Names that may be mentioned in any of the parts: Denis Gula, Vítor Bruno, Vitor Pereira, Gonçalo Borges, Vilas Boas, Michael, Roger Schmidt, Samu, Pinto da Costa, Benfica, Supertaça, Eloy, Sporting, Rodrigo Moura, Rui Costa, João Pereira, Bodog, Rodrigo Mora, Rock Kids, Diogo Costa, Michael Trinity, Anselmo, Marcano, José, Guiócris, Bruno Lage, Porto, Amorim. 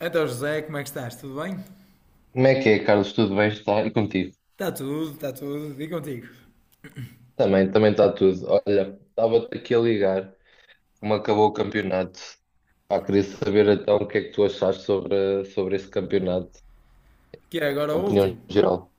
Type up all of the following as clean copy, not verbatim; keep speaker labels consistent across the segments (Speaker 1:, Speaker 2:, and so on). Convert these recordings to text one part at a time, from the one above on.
Speaker 1: Então, José, como é que estás? Tudo bem?
Speaker 2: Como é que é, Carlos? Tudo bem? Está? E contigo?
Speaker 1: Está tudo, está tudo. E contigo?
Speaker 2: Também está tudo. Olha, estava-te aqui a ligar, como acabou o campeonato. Pá, queria saber então o que é que tu achaste sobre esse campeonato,
Speaker 1: Que é agora o
Speaker 2: opinião
Speaker 1: último.
Speaker 2: geral.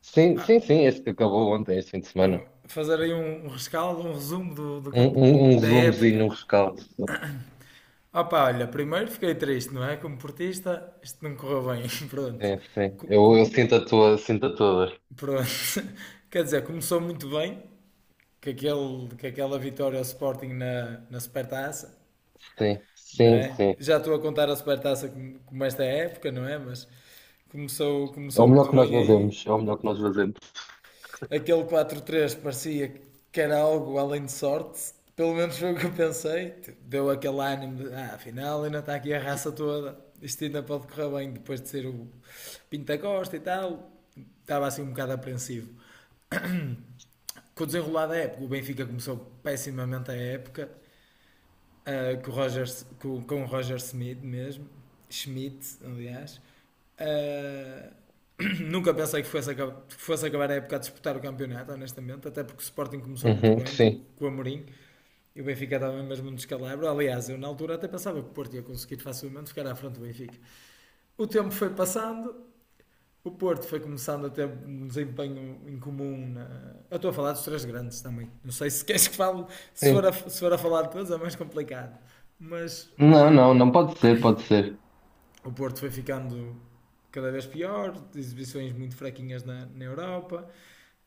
Speaker 2: Sim, sim, sim, este que acabou ontem, este fim de semana.
Speaker 1: Então, fazer aí um rescaldo, um resumo do
Speaker 2: Um, um, um
Speaker 1: da
Speaker 2: resumozinho, um
Speaker 1: época.
Speaker 2: rescaldo.
Speaker 1: Opa, olha, primeiro fiquei triste, não é? Como portista, isto não correu bem. Pronto.
Speaker 2: Sim, sim.
Speaker 1: Co-
Speaker 2: Eu,
Speaker 1: com-
Speaker 2: eu sinto a sinto a tua dor.
Speaker 1: Pronto. Quer dizer, começou muito bem, com aquela vitória ao Sporting na Supertaça,
Speaker 2: Sim,
Speaker 1: não
Speaker 2: sim,
Speaker 1: é?
Speaker 2: sim.
Speaker 1: Já estou a contar a Supertaça como esta época, não é? Mas começou,
Speaker 2: É o
Speaker 1: começou
Speaker 2: melhor
Speaker 1: muito
Speaker 2: que nós
Speaker 1: bem aí.
Speaker 2: fazemos, é o melhor que nós fazemos.
Speaker 1: Aquele 4-3 parecia que era algo além de sorte. Pelo menos foi o que eu pensei. Tipo, deu aquele ânimo de, afinal ainda está aqui a raça toda. Isto ainda pode correr bem depois de ser o Pinto da Costa e tal. Estava assim um bocado apreensivo. Com o desenrolar da época, o Benfica começou pessimamente a época ah, com, o Roger, com o Roger Smith mesmo, Schmidt, aliás. Ah, Nunca pensei que fosse acabar a época a disputar o campeonato, honestamente, até porque o Sporting começou muito
Speaker 2: Uhum,
Speaker 1: bem com,
Speaker 2: sim,
Speaker 1: com o Amorim e o Benfica estava mesmo no descalabro. Aliás, eu na altura até pensava que o Porto ia conseguir facilmente ficar à frente do Benfica. O tempo foi passando, o Porto foi começando a ter um desempenho incomum. Eu estou a falar dos três grandes também. Não sei se queres que fale, se for a,
Speaker 2: sim.
Speaker 1: se for a falar de todos é mais complicado. Mas
Speaker 2: Não,
Speaker 1: eh,
Speaker 2: não, não pode ser, pode ser.
Speaker 1: o Porto foi ficando cada vez pior, exibições muito fraquinhas na Europa.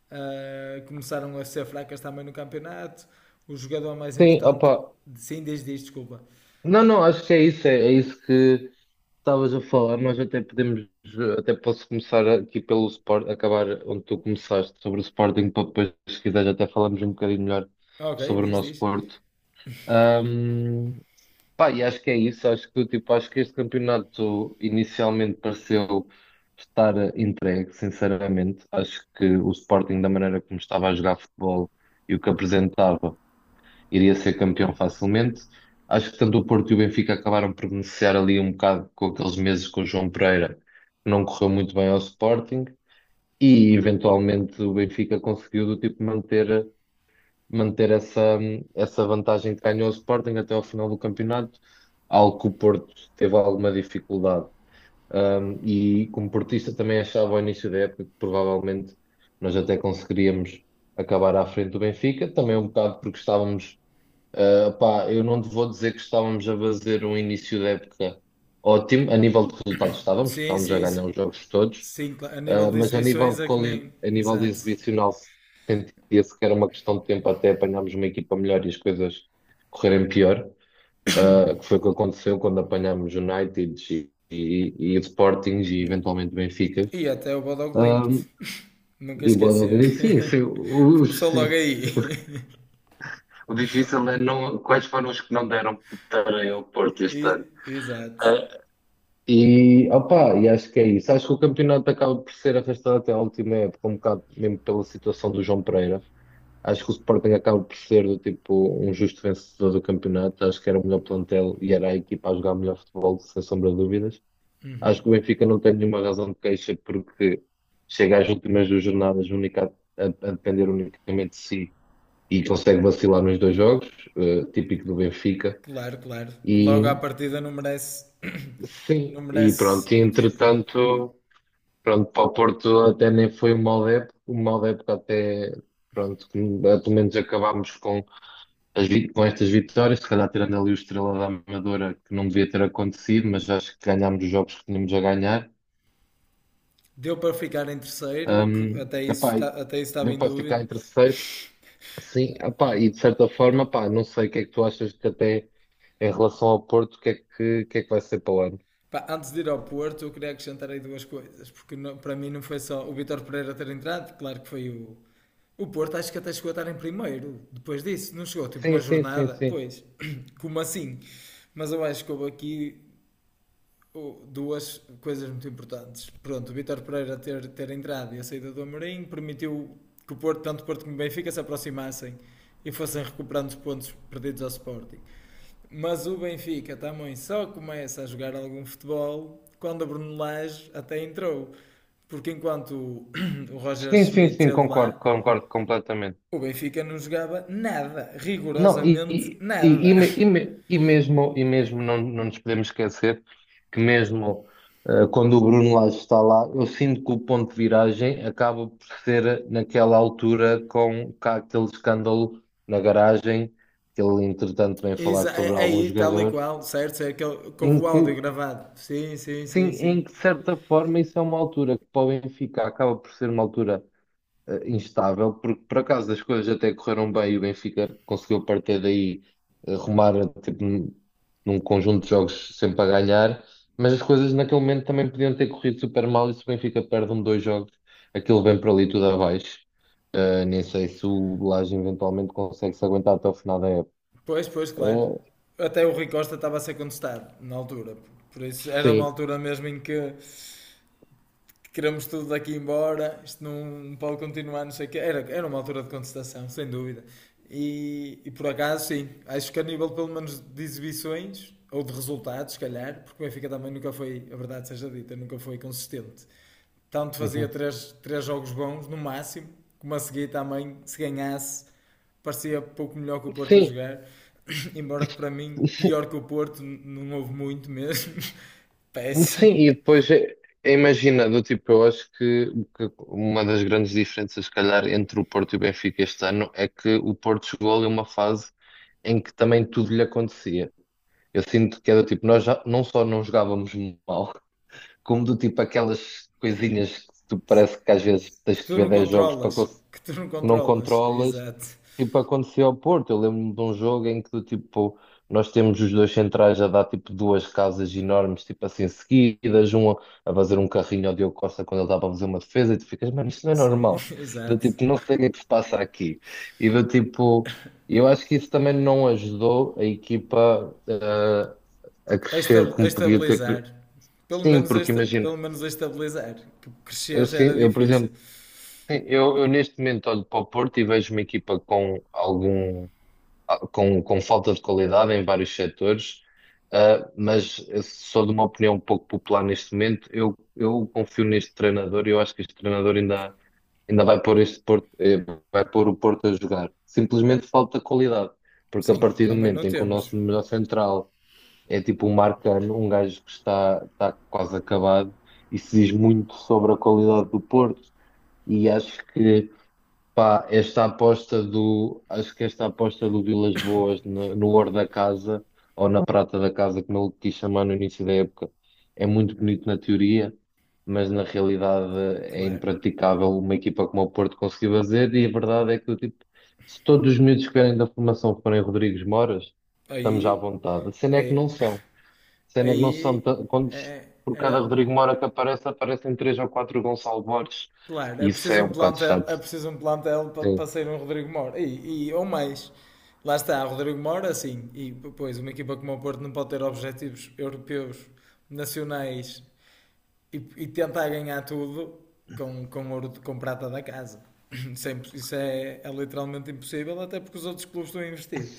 Speaker 1: Começaram a ser fracas também no campeonato. O jogador mais
Speaker 2: Sim,
Speaker 1: importante.
Speaker 2: opa.
Speaker 1: Sim, diz, diz, desculpa.
Speaker 2: Não, não, acho que é isso, é isso que estavas a falar. Nós até podemos, até posso começar aqui pelo Sport, acabar onde tu começaste sobre o Sporting, para depois, se quiseres, até falarmos um bocadinho melhor
Speaker 1: Ok,
Speaker 2: sobre o
Speaker 1: diz,
Speaker 2: nosso
Speaker 1: diz.
Speaker 2: Porto. Ahm, pá, e acho que é isso, acho que, tipo, acho que este campeonato inicialmente pareceu estar entregue, sinceramente. Acho que o Sporting, da maneira como estava a jogar futebol e o que apresentava iria ser campeão facilmente. Acho que tanto o Porto e o Benfica acabaram por beneficiar ali um bocado com aqueles meses com o João Pereira, que não correu muito bem ao Sporting, e eventualmente o Benfica conseguiu do tipo manter essa vantagem que ganhou ao Sporting até ao final do campeonato, algo que o Porto teve alguma dificuldade. E como portista também achava ao início da época que provavelmente nós até conseguiríamos acabar à frente do Benfica, também um bocado porque estávamos. Pá, eu não te vou dizer que estávamos a fazer um início de época ótimo. A nível de resultados estávamos, porque
Speaker 1: Sim,
Speaker 2: estávamos a
Speaker 1: sim, sim.
Speaker 2: ganhar os jogos todos.
Speaker 1: Sim, a nível de
Speaker 2: Mas a nível
Speaker 1: exibições
Speaker 2: de
Speaker 1: é que nem.
Speaker 2: a nível de
Speaker 1: Exato.
Speaker 2: exibicional sentia-se que era uma questão de tempo até apanharmos uma equipa melhor e as coisas correrem pior. Que foi o que aconteceu quando apanhámos United e Sporting e
Speaker 1: Yeah.
Speaker 2: eventualmente Benfica.
Speaker 1: E até o Bodog Limped.
Speaker 2: Um,
Speaker 1: Nunca
Speaker 2: e Bodo,
Speaker 1: esquecer.
Speaker 2: sim, sim,
Speaker 1: Começou
Speaker 2: sim.
Speaker 1: logo aí.
Speaker 2: O difícil é não, quais foram os que não deram para o Porto este ano.
Speaker 1: Exato.
Speaker 2: É. E, opa, e acho que é isso. Acho que o campeonato acaba por ser arrastado até à última época, um bocado mesmo pela situação do João Pereira. Acho que o Sporting acaba por ser do tipo um justo vencedor do campeonato. Acho que era o melhor plantel e era a equipa a jogar melhor futebol, sem sombra de dúvidas. Acho que o Benfica não tem nenhuma razão de queixa porque chega às últimas duas jornadas única, a depender unicamente de si e consegue vacilar nos dois jogos, típico do Benfica.
Speaker 1: Claro, claro. Logo à
Speaker 2: E
Speaker 1: partida não merece,
Speaker 2: sim,
Speaker 1: não
Speaker 2: e
Speaker 1: merece
Speaker 2: pronto, e
Speaker 1: o título.
Speaker 2: entretanto. Pronto, para o Porto até nem foi uma mal época até, pronto, que, pelo menos acabámos com, as, com estas vitórias, se calhar tirando ali o Estrela da Amadora, que não devia ter acontecido, mas acho que ganhámos os jogos que tínhamos a ganhar.
Speaker 1: Deu para ficar em terceiro, o que até isso,
Speaker 2: Epá, e
Speaker 1: até isso estava
Speaker 2: deu
Speaker 1: em
Speaker 2: para
Speaker 1: dúvida.
Speaker 2: ficar em terceiro, sim, epá, e de certa forma, epá, não sei o que é que tu achas que até em relação ao Porto, o que é que, o que é que vai ser para o ano?
Speaker 1: Antes de ir ao Porto, eu queria acrescentar aí duas coisas, porque não- para mim não foi só o Vitor Pereira ter entrado, claro que foi o. O Porto acho que até chegou a estar em primeiro depois disso, não chegou tipo
Speaker 2: Sim,
Speaker 1: uma
Speaker 2: sim, sim,
Speaker 1: jornada,
Speaker 2: sim.
Speaker 1: pois, como assim? Mas eu acho que houve aqui oh, duas coisas muito importantes. Pronto, o Vitor Pereira ter entrado e a saída do Amorim permitiu que o Porto, tanto o Porto como o Benfica, se aproximassem e fossem recuperando os pontos perdidos ao Sporting. Mas o Benfica também só começa a jogar algum futebol quando a Bruno Lage até entrou. Porque enquanto o- Roger
Speaker 2: Sim, sim,
Speaker 1: Schmidt
Speaker 2: sim,
Speaker 1: esteve
Speaker 2: concordo,
Speaker 1: lá,
Speaker 2: concordo completamente.
Speaker 1: o Benfica não jogava nada,
Speaker 2: Não,
Speaker 1: rigorosamente nada.
Speaker 2: e mesmo, não, não nos podemos esquecer que mesmo quando o Bruno Lage está lá, eu sinto que o ponto de viragem acaba por ser naquela altura com cá aquele escândalo na garagem, que ele entretanto tem falado sobre alguns
Speaker 1: Aí, tal e
Speaker 2: jogadores,
Speaker 1: qual, certo? É que houve
Speaker 2: em
Speaker 1: o áudio
Speaker 2: que,
Speaker 1: gravado. Sim, sim,
Speaker 2: sim,
Speaker 1: sim, sim.
Speaker 2: em que de certa forma isso é uma altura que para o Benfica acaba por ser uma altura instável, porque por acaso as coisas até correram bem e o Benfica conseguiu a partir daí rumar tipo, num conjunto de jogos sempre a ganhar, mas as coisas naquele momento também podiam ter corrido super mal e se o Benfica perde um, dois jogos, aquilo vem para ali tudo abaixo. Nem sei se o Lage eventualmente consegue se aguentar até o final da época.
Speaker 1: Pois, pois, claro.
Speaker 2: Eh,
Speaker 1: Até o Rui Costa estava a ser contestado na altura. Por isso, era uma
Speaker 2: sim.
Speaker 1: altura mesmo em que queremos tudo daqui embora, isto não pode continuar, não sei o quê. Era uma altura de contestação, sem dúvida. E por acaso, sim, acho que a nível pelo menos de exibições, ou de resultados, se calhar, porque o Benfica também nunca foi, a verdade seja dita, nunca foi consistente. Tanto fazia
Speaker 2: Uhum.
Speaker 1: três jogos bons, no máximo, como a seguir também, se ganhasse, parecia pouco melhor que o Porto a
Speaker 2: Sim,
Speaker 1: jogar. Embora que para mim, pior que o Porto, não houve muito mesmo. Péssimo.
Speaker 2: sim, e depois imagina, do tipo, eu acho que uma das grandes diferenças, se calhar, entre o Porto e o Benfica este ano é que o Porto chegou ali a uma fase em que também tudo lhe acontecia. Eu sinto que é do tipo, nós já, não só não jogávamos mal, como do tipo aquelas coisinhas que tu parece que às vezes tens
Speaker 1: Que
Speaker 2: que
Speaker 1: tu
Speaker 2: ver
Speaker 1: não
Speaker 2: 10 jogos para
Speaker 1: controlas. Que tu não
Speaker 2: que não
Speaker 1: controlas.
Speaker 2: controlas.
Speaker 1: Exato.
Speaker 2: Tipo, aconteceu ao Porto. Eu lembro-me de um jogo em que, do tipo, nós temos os dois centrais a dar, tipo, duas casas enormes, tipo assim, seguidas. Um a fazer um carrinho ao Diogo Costa quando ele estava a fazer uma defesa. E tu ficas, mano, isto não é
Speaker 1: Sim,
Speaker 2: normal. Do
Speaker 1: exato.
Speaker 2: tipo, não sei o que é que se passa aqui. E do tipo, eu acho que isso também não ajudou a equipa, a
Speaker 1: A
Speaker 2: crescer
Speaker 1: esta- a
Speaker 2: como podia ter.
Speaker 1: estabilizar. Pelo
Speaker 2: Sim,
Speaker 1: menos a,
Speaker 2: porque
Speaker 1: esta-
Speaker 2: imagina,
Speaker 1: pelo menos a estabilizar. Que crescer já era
Speaker 2: por
Speaker 1: difícil.
Speaker 2: exemplo, sim, eu neste momento olho para o Porto e vejo uma equipa com algum. Com falta de qualidade em vários setores, mas eu sou de uma opinião um pouco popular neste momento. Eu confio neste treinador e eu acho que este treinador ainda vai pôr este Porto, vai pôr o Porto a jogar. Simplesmente falta qualidade, porque a
Speaker 1: Sim,
Speaker 2: partir do
Speaker 1: também não
Speaker 2: momento em que o
Speaker 1: temos.
Speaker 2: nosso número central é tipo um Marcano, um gajo que está quase acabado, isso diz muito sobre a qualidade do Porto. E acho que pá, acho que esta aposta do Vilas Boas no ouro da casa, ou na prata da casa, como ele quis chamar no início da época, é muito bonito na teoria, mas na realidade é
Speaker 1: Claro.
Speaker 2: impraticável uma equipa como o Porto conseguir fazer, e a verdade é que, tipo, se todos os miúdos que vierem da formação forem Rodrigues Moras, estamos à
Speaker 1: Aí.
Speaker 2: vontade. A cena é que não
Speaker 1: Aí.
Speaker 2: são. A cena é que não são.
Speaker 1: Aí.
Speaker 2: Quando, por
Speaker 1: Era.
Speaker 2: cada Rodrigo Mora que aparece, aparecem três ou quatro Gonçalo Borges,
Speaker 1: Claro,
Speaker 2: e
Speaker 1: é
Speaker 2: isso
Speaker 1: preciso
Speaker 2: é
Speaker 1: um
Speaker 2: um bocado
Speaker 1: plantel,
Speaker 2: chato.
Speaker 1: é preciso um plantel para
Speaker 2: Sim.
Speaker 1: sair um Rodrigo Moura. Ou mais. Lá está, Rodrigo Moura, sim. E, pois, uma equipa como o Porto não pode ter objetivos europeus, nacionais e tentar ganhar tudo com ouro de, com prata da casa. Isso é literalmente impossível, até porque os outros clubes estão a investir.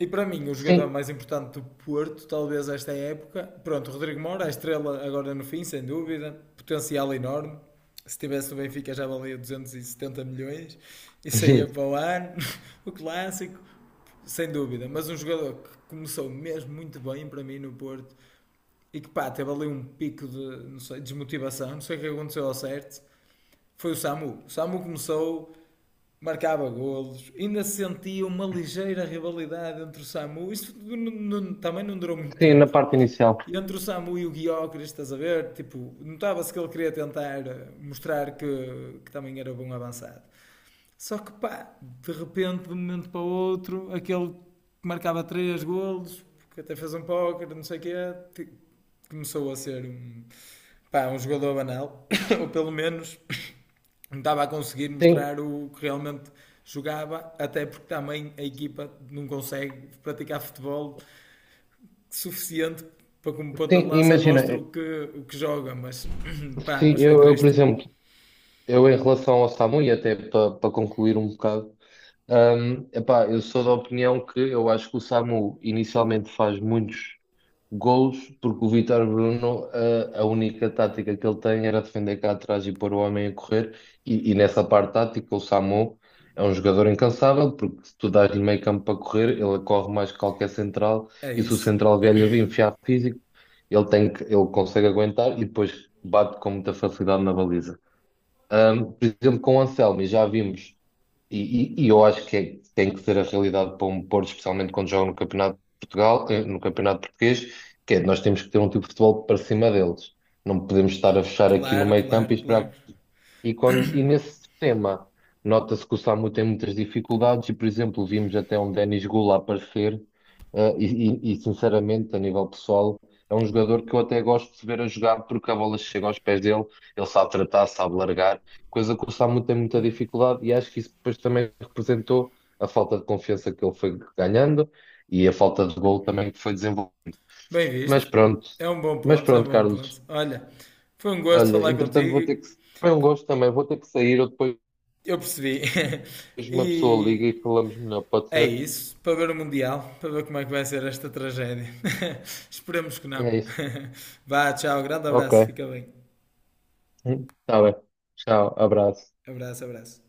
Speaker 1: E para mim, o jogador
Speaker 2: Sim,
Speaker 1: mais importante do Porto, talvez esta época, pronto, o Rodrigo Moura, a estrela agora no fim, sem dúvida, potencial enorme. Se tivesse no Benfica já valia 270 milhões e saía
Speaker 2: sim,
Speaker 1: para o ano, o clássico, sem dúvida. Mas um jogador que começou mesmo muito bem para mim no Porto e que pá, teve ali um pico de não sei, desmotivação, não sei o que aconteceu ao certo, foi o Samu. O Samu começou, marcava golos, ainda se sentia uma ligeira rivalidade entre o Samu, isto também não durou muito
Speaker 2: sim, na
Speaker 1: tempo.
Speaker 2: parte inicial.
Speaker 1: E entre o Samu e o Guiócris, estás a ver? Tipo, notava-se que ele queria tentar mostrar que também era bom avançado. Só que pá, de repente, de um momento para o outro, aquele que marcava três golos, que até fez um póquer, não sei o que é começou a ser um pá, um jogador banal, ou pelo menos não estava a conseguir
Speaker 2: Sim,
Speaker 1: mostrar o que realmente jogava, até porque também a equipa não consegue praticar futebol suficiente para como ponta de
Speaker 2: sim,
Speaker 1: lança
Speaker 2: imagina,
Speaker 1: mostra o que, joga, mas pá,
Speaker 2: sim,
Speaker 1: mas foi
Speaker 2: eu, por
Speaker 1: triste.
Speaker 2: exemplo, eu em relação ao SAMU, e até para concluir um bocado. Epá, eu sou da opinião que eu acho que o Samu inicialmente faz muitos gols, porque o Vítor Bruno, a única tática que ele tem era defender cá atrás e pôr o homem a correr, e nessa parte tática o Samu é um jogador incansável, porque se tu dás-lhe meio campo para correr, ele corre mais que qualquer central,
Speaker 1: É
Speaker 2: e se o
Speaker 1: isso.
Speaker 2: central velho lhe a enfiar físico, ele tem que, ele consegue aguentar e depois bate com muita facilidade na baliza. Por exemplo, com o Anselmo, e já vimos, eu acho que tem que ser a realidade para um Porto, especialmente quando joga no Campeonato de Portugal, no Campeonato Português, que é nós temos que ter um tipo de futebol para cima deles. Não podemos estar a fechar aqui no
Speaker 1: Claro,
Speaker 2: meio campo e
Speaker 1: claro, claro.
Speaker 2: esperar quando, e nesse sistema, nota-se que o SAMU tem muitas dificuldades e, por exemplo, vimos até um Denis Gula aparecer, sinceramente, a nível pessoal, é um jogador que eu até gosto de ver a jogar porque a bola chega aos pés dele, ele sabe tratar, sabe largar, coisa que o SAMU tem muita dificuldade e acho que isso depois também representou a falta de confiança que ele foi ganhando e a falta de gol também que foi desenvolvendo.
Speaker 1: Bem
Speaker 2: Mas
Speaker 1: visto.
Speaker 2: pronto,
Speaker 1: É um bom
Speaker 2: mas
Speaker 1: ponto, é um
Speaker 2: pronto,
Speaker 1: bom
Speaker 2: Carlos.
Speaker 1: ponto. Olha, foi um gosto
Speaker 2: Olha,
Speaker 1: falar
Speaker 2: entretanto vou
Speaker 1: contigo.
Speaker 2: ter que. Foi um gosto também, vou ter que sair, eu depois.
Speaker 1: Eu percebi.
Speaker 2: Depois uma pessoa liga e
Speaker 1: e,
Speaker 2: falamos melhor, pode
Speaker 1: É
Speaker 2: ser?
Speaker 1: isso, para ver o Mundial, para ver como é que vai ser esta tragédia. Esperemos que não.
Speaker 2: É isso.
Speaker 1: Vá, tchau, grande abraço,
Speaker 2: Ok.
Speaker 1: fica bem.
Speaker 2: Tá bem. Tchau, abraço.
Speaker 1: Abraço, abraço.